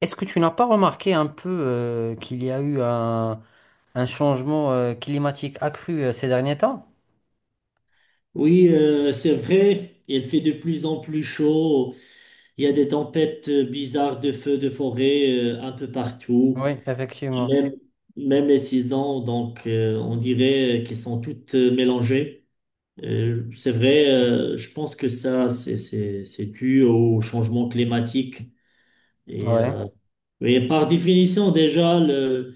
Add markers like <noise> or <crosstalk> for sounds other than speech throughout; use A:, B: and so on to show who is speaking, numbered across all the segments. A: Est-ce que tu n'as pas remarqué un peu qu'il y a eu un changement climatique accru ces derniers temps?
B: Oui, c'est vrai, il fait de plus en plus chaud. Il y a des tempêtes bizarres de feux de forêt un peu partout,
A: Oui, effectivement.
B: même, même les saisons. Donc, on dirait qu'elles sont toutes mélangées. C'est vrai, je pense que ça, c'est dû au changement climatique. Et,
A: Ouais,
B: euh, et par définition, déjà, le,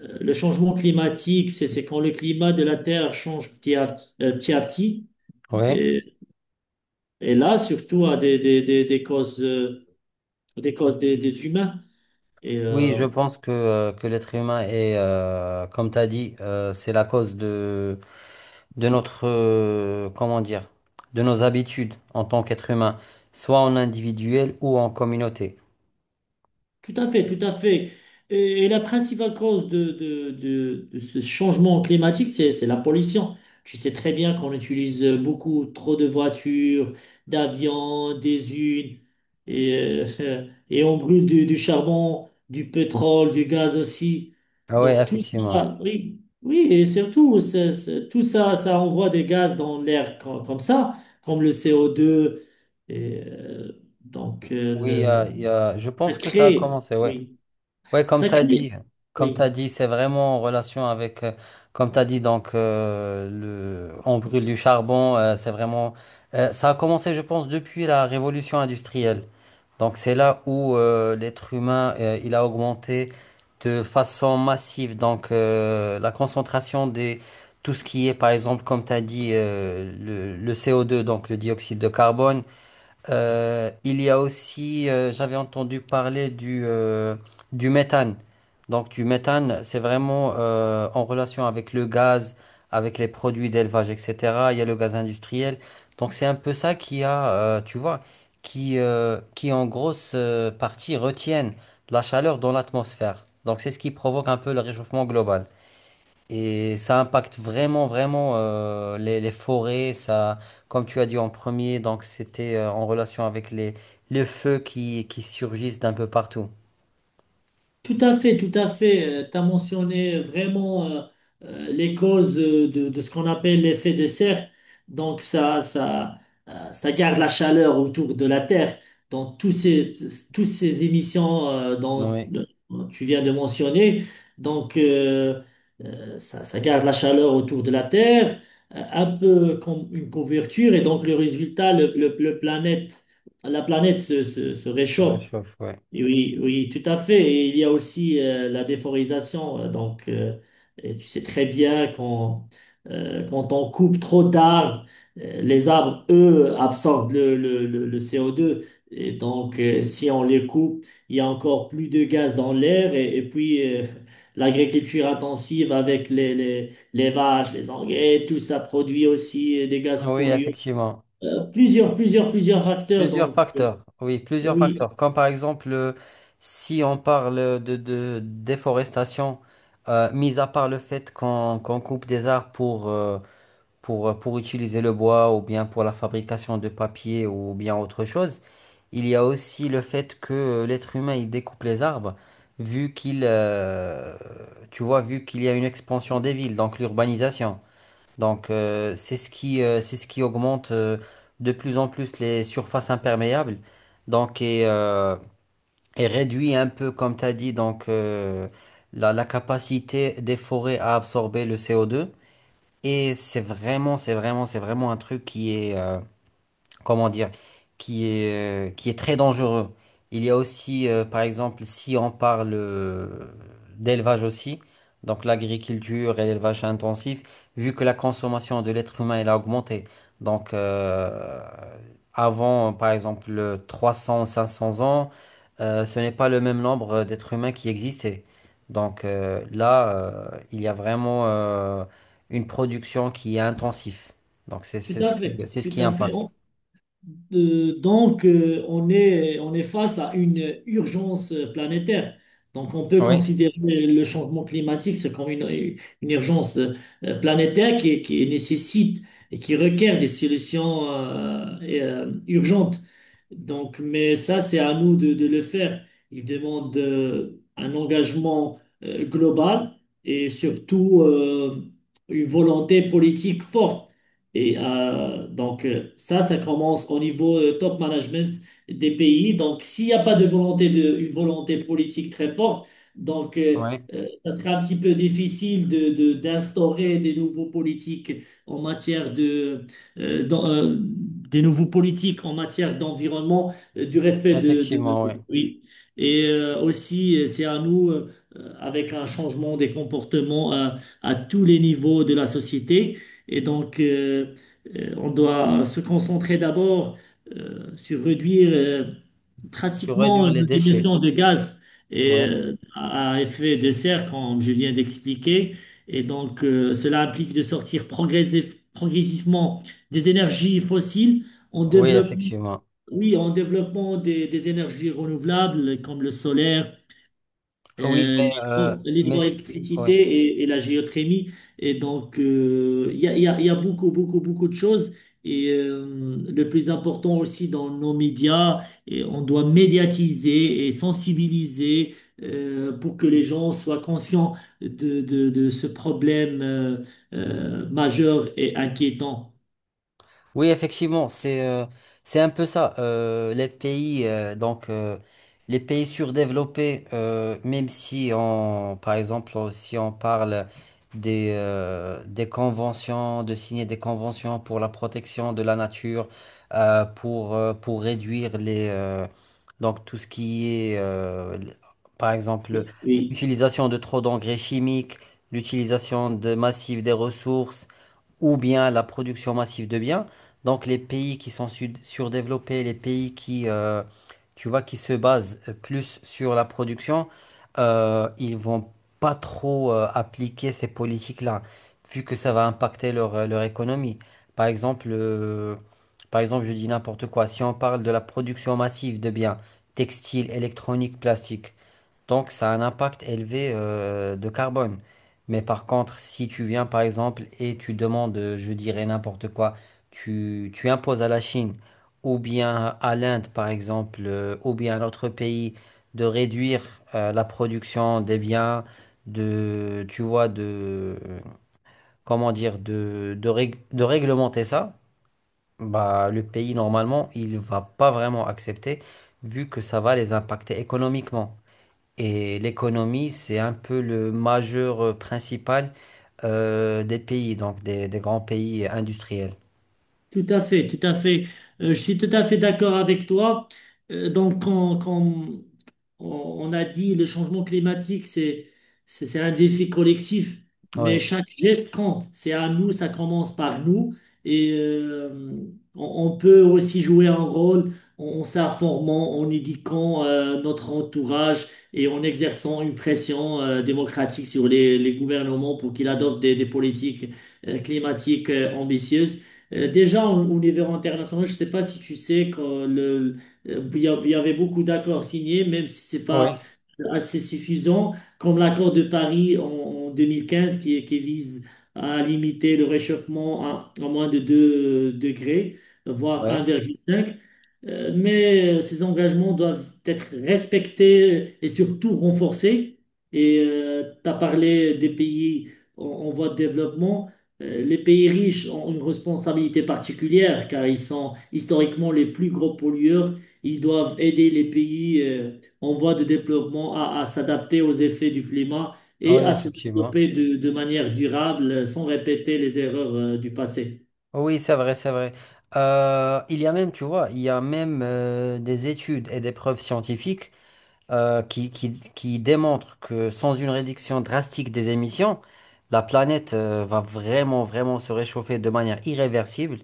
B: euh, le changement climatique, c'est quand le climat de la Terre change petit à petit, petit à petit.
A: ouais.
B: Et là, surtout à des causes, des causes des humains. Et
A: Oui,
B: euh,
A: je pense que l'être humain est, comme tu as dit, c'est la cause de notre, comment dire, de nos habitudes en tant qu'être humain, soit en individuel ou en communauté.
B: Tout à fait, tout à fait. Et la principale cause de ce changement climatique, c'est la pollution. Tu sais très bien qu'on utilise beaucoup trop de voitures, d'avions, des unes, <laughs> et on brûle du charbon, du pétrole, du gaz aussi.
A: Ah ouais,
B: Donc tout
A: effectivement.
B: ça, oui, oui, et surtout, tout ça, ça envoie des gaz dans l'air comme ça, comme le CO2. Et, euh, donc,
A: Oui, je
B: Ça
A: pense que ça a
B: crée,
A: commencé, ouais.
B: oui.
A: Ouais, comme
B: Ça
A: tu as
B: crée,
A: dit, comme tu
B: oui.
A: dit, c'est vraiment en relation avec, comme tu as dit, donc, on brûle du charbon, c'est vraiment, ça a commencé, je pense, depuis la révolution industrielle. Donc, c'est là où l'être humain, il a augmenté de façon massive. Donc, la concentration des, tout ce qui est, par exemple, comme tu as dit, le CO2, donc le dioxyde de carbone. Il y a aussi, j'avais entendu parler du méthane. Donc du méthane, c'est vraiment en relation avec le gaz, avec les produits d'élevage, etc. Il y a le gaz industriel. Donc c'est un peu ça qui a, tu vois, qui en grosse partie retiennent la chaleur dans l'atmosphère. Donc c'est ce qui provoque un peu le réchauffement global. Et ça impacte vraiment, vraiment les forêts. Ça, comme tu as dit en premier, donc c'était en relation avec les feux qui surgissent d'un peu partout.
B: Tout à fait, tout à fait. Tu as mentionné vraiment les causes de ce qu'on appelle l'effet de serre. Donc ça garde la chaleur autour de la Terre. Donc tous ces émissions
A: Oui,
B: dont tu viens de mentionner, donc euh, ça garde la chaleur autour de la Terre, un peu comme une couverture. Et donc le résultat, la planète se
A: ça
B: réchauffe.
A: réchauffe, oui.
B: Oui, oui, tout à fait. Et il y a aussi la déforestation. Et tu sais très bien quand on coupe trop d'arbres, les arbres, eux, absorbent le CO2. Et si on les coupe, il y a encore plus de gaz dans l'air. Et puis, <laughs> l'agriculture intensive avec les vaches, les engrais, tout ça produit aussi des gaz
A: Oui,
B: polluants.
A: effectivement.
B: Plusieurs facteurs.
A: Plusieurs facteurs. Oui, plusieurs
B: Oui,
A: facteurs. Comme par exemple, si on parle de déforestation, mis à part le fait qu'on coupe des arbres pour utiliser le bois ou bien pour la fabrication de papier ou bien autre chose. Il y a aussi le fait que l'être humain il découpe les arbres vu qu'il tu vois vu qu'il y a une expansion des villes donc l'urbanisation. Donc c'est ce qui augmente de plus en plus les surfaces imperméables donc et réduit un peu comme tu as dit donc la, la capacité des forêts à absorber le CO2. Et c'est vraiment, c'est vraiment, c'est vraiment un truc qui est, comment dire, qui est très dangereux. Il y a aussi, par exemple, si on parle d'élevage aussi, donc l'agriculture et l'élevage intensif, vu que la consommation de l'être humain elle a augmenté. Donc, avant, par exemple, 300 500 ans, ce n'est pas le même nombre d'êtres humains qui existaient. Donc là, il y a vraiment une production qui est intensive. Donc c'est
B: Tout
A: c'est ce
B: à
A: qui,
B: fait,
A: c'est ce
B: tout
A: qui
B: à fait.
A: impacte.
B: On est face à une urgence planétaire. Donc, on peut
A: Oui,
B: considérer le changement climatique, c'est comme une urgence planétaire qui nécessite et qui requiert des solutions urgentes. Donc, mais ça, c'est à nous de le faire. Il demande un engagement global et surtout une volonté politique forte. Ça commence au niveau top management des pays. Donc, s'il n'y a pas de une volonté politique très forte, donc, euh,
A: oui,
B: ça sera un petit peu difficile d'instaurer des nouveaux politiques en matière de dans, des nouveaux politiques en matière d'environnement, du respect
A: effectivement, oui.
B: oui. Aussi, c'est à nous, avec un changement des comportements à tous les niveaux de la société. Et donc, euh, on doit se concentrer d'abord sur réduire. euh,
A: Pour réduire
B: Pratiquement,
A: les
B: nos
A: déchets.
B: émissions de gaz
A: Oui,
B: à effet de serre, comme je viens d'expliquer, et cela implique de sortir progressivement des énergies fossiles en
A: oui,
B: développant,
A: effectivement.
B: oui, en développant des énergies renouvelables comme le solaire,
A: Oui, mais si, oui.
B: l'hydroélectricité et la géothermie. Et il y a beaucoup, beaucoup, beaucoup de choses. Le plus important aussi dans nos médias, et on doit médiatiser et sensibiliser pour que les gens soient conscients de ce problème majeur et inquiétant.
A: Oui, effectivement, c'est un peu ça. Les pays donc les pays surdéveloppés, même si on par exemple si on parle des conventions, de signer des conventions pour la protection de la nature, pour réduire les donc tout ce qui est par exemple
B: Oui,
A: l'utilisation de trop d'engrais chimiques, l'utilisation de massive des ressources ou bien la production massive de biens. Donc les pays qui sont surdéveloppés, les pays qui, tu vois, qui se basent plus sur la production, ils vont pas trop appliquer ces politiques-là, vu que ça va impacter leur, leur économie. Par exemple, je dis n'importe quoi. Si on parle de la production massive de biens textiles, électroniques, plastiques, donc, ça a un impact élevé de carbone. Mais par contre, si tu viens par exemple et tu demandes, je dirais n'importe quoi, tu imposes à la Chine ou bien à l'Inde par exemple, ou bien à notre pays de réduire la production des biens, de, tu vois, de, comment dire, de, de réglementer ça, bah, le pays normalement, il va pas vraiment accepter vu que ça va les impacter économiquement. Et l'économie, c'est un peu le majeur principal des pays, donc des grands pays industriels.
B: tout à fait, tout à fait. Je suis tout à fait d'accord avec toi. Quand on a dit le changement climatique, c'est un défi collectif, mais
A: Oui,
B: chaque geste compte. C'est à nous, ça commence par nous. Et euh, on peut aussi jouer un rôle en s'informant, en éduquant notre entourage et en exerçant une pression démocratique sur les gouvernements pour qu'ils adoptent des politiques climatiques ambitieuses. Déjà, au niveau international, je ne sais pas si tu sais que le, Il y a- il y avait beaucoup d'accords signés, même si c'est pas
A: oui,
B: assez suffisant, comme l'accord de Paris en 2015 qui vise à limiter le réchauffement à moins de 2 degrés, voire
A: oui,
B: 1,5. Mais ces engagements doivent être respectés et surtout renforcés. Et tu as parlé des pays en voie de développement. Les pays riches ont une responsabilité particulière car ils sont historiquement les plus gros pollueurs. Ils doivent aider les pays en voie de développement à s'adapter aux effets du climat et
A: oui,
B: à se
A: effectivement.
B: développer de manière durable sans répéter les erreurs du passé.
A: Oui, c'est vrai, c'est vrai. Il y a même, tu vois, il y a même des études et des preuves scientifiques qui démontre que sans une réduction drastique des émissions, la planète va vraiment, vraiment se réchauffer de manière irréversible.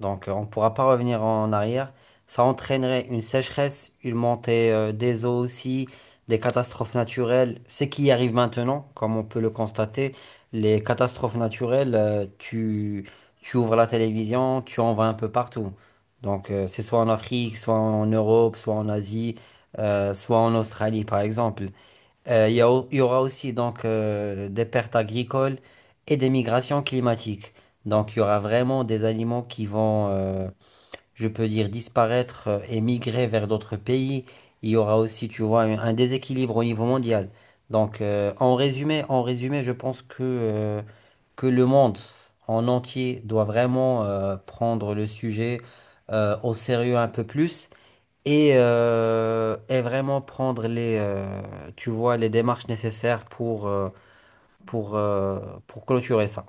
A: Donc, on ne pourra pas revenir en arrière. Ça entraînerait une sécheresse, une montée des eaux aussi, des catastrophes naturelles. Ce qui arrive maintenant, comme on peut le constater, les catastrophes naturelles, tu ouvres la télévision, tu en vois un peu partout. Donc, c'est soit en Afrique, soit en Europe, soit en Asie soit en Australie par exemple. Il y a il y aura aussi donc des pertes agricoles et des migrations climatiques. Donc il y aura vraiment des aliments qui vont, je peux dire, disparaître et migrer vers d'autres pays. Il y aura aussi, tu vois, un déséquilibre au niveau mondial. Donc en résumé, je pense que le monde en entier doit vraiment prendre le sujet au sérieux un peu plus et vraiment prendre les, tu vois, les démarches nécessaires pour, euh, pour clôturer ça.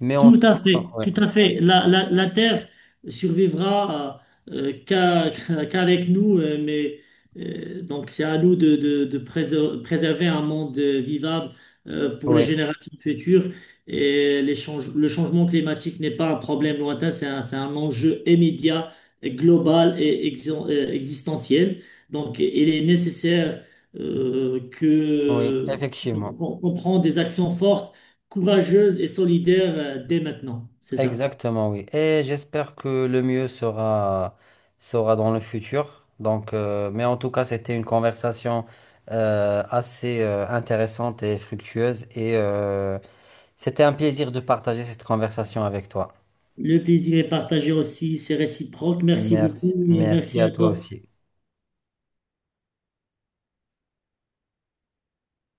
A: Mais en
B: Tout
A: tout
B: à
A: cas,
B: fait,
A: oui,
B: tout à fait. La Terre survivra <laughs> qu'avec nous, mais c'est à nous de préserver un monde vivable pour les
A: oui,
B: générations futures. Le changement climatique n'est pas un problème lointain, c'est un enjeu immédiat, et global et existentiel. Donc il est nécessaire euh,
A: oui,
B: que
A: effectivement.
B: qu'on prenne des actions fortes, courageuse et solidaire dès maintenant. C'est ça.
A: Exactement, oui. Et j'espère que le mieux sera, sera dans le futur. Donc, mais en tout cas, c'était une conversation assez intéressante et fructueuse. Et c'était un plaisir de partager cette conversation avec toi.
B: Le plaisir est partagé aussi, c'est réciproque. Merci
A: Merci.
B: beaucoup et
A: Merci
B: merci
A: à
B: à
A: toi
B: toi.
A: aussi.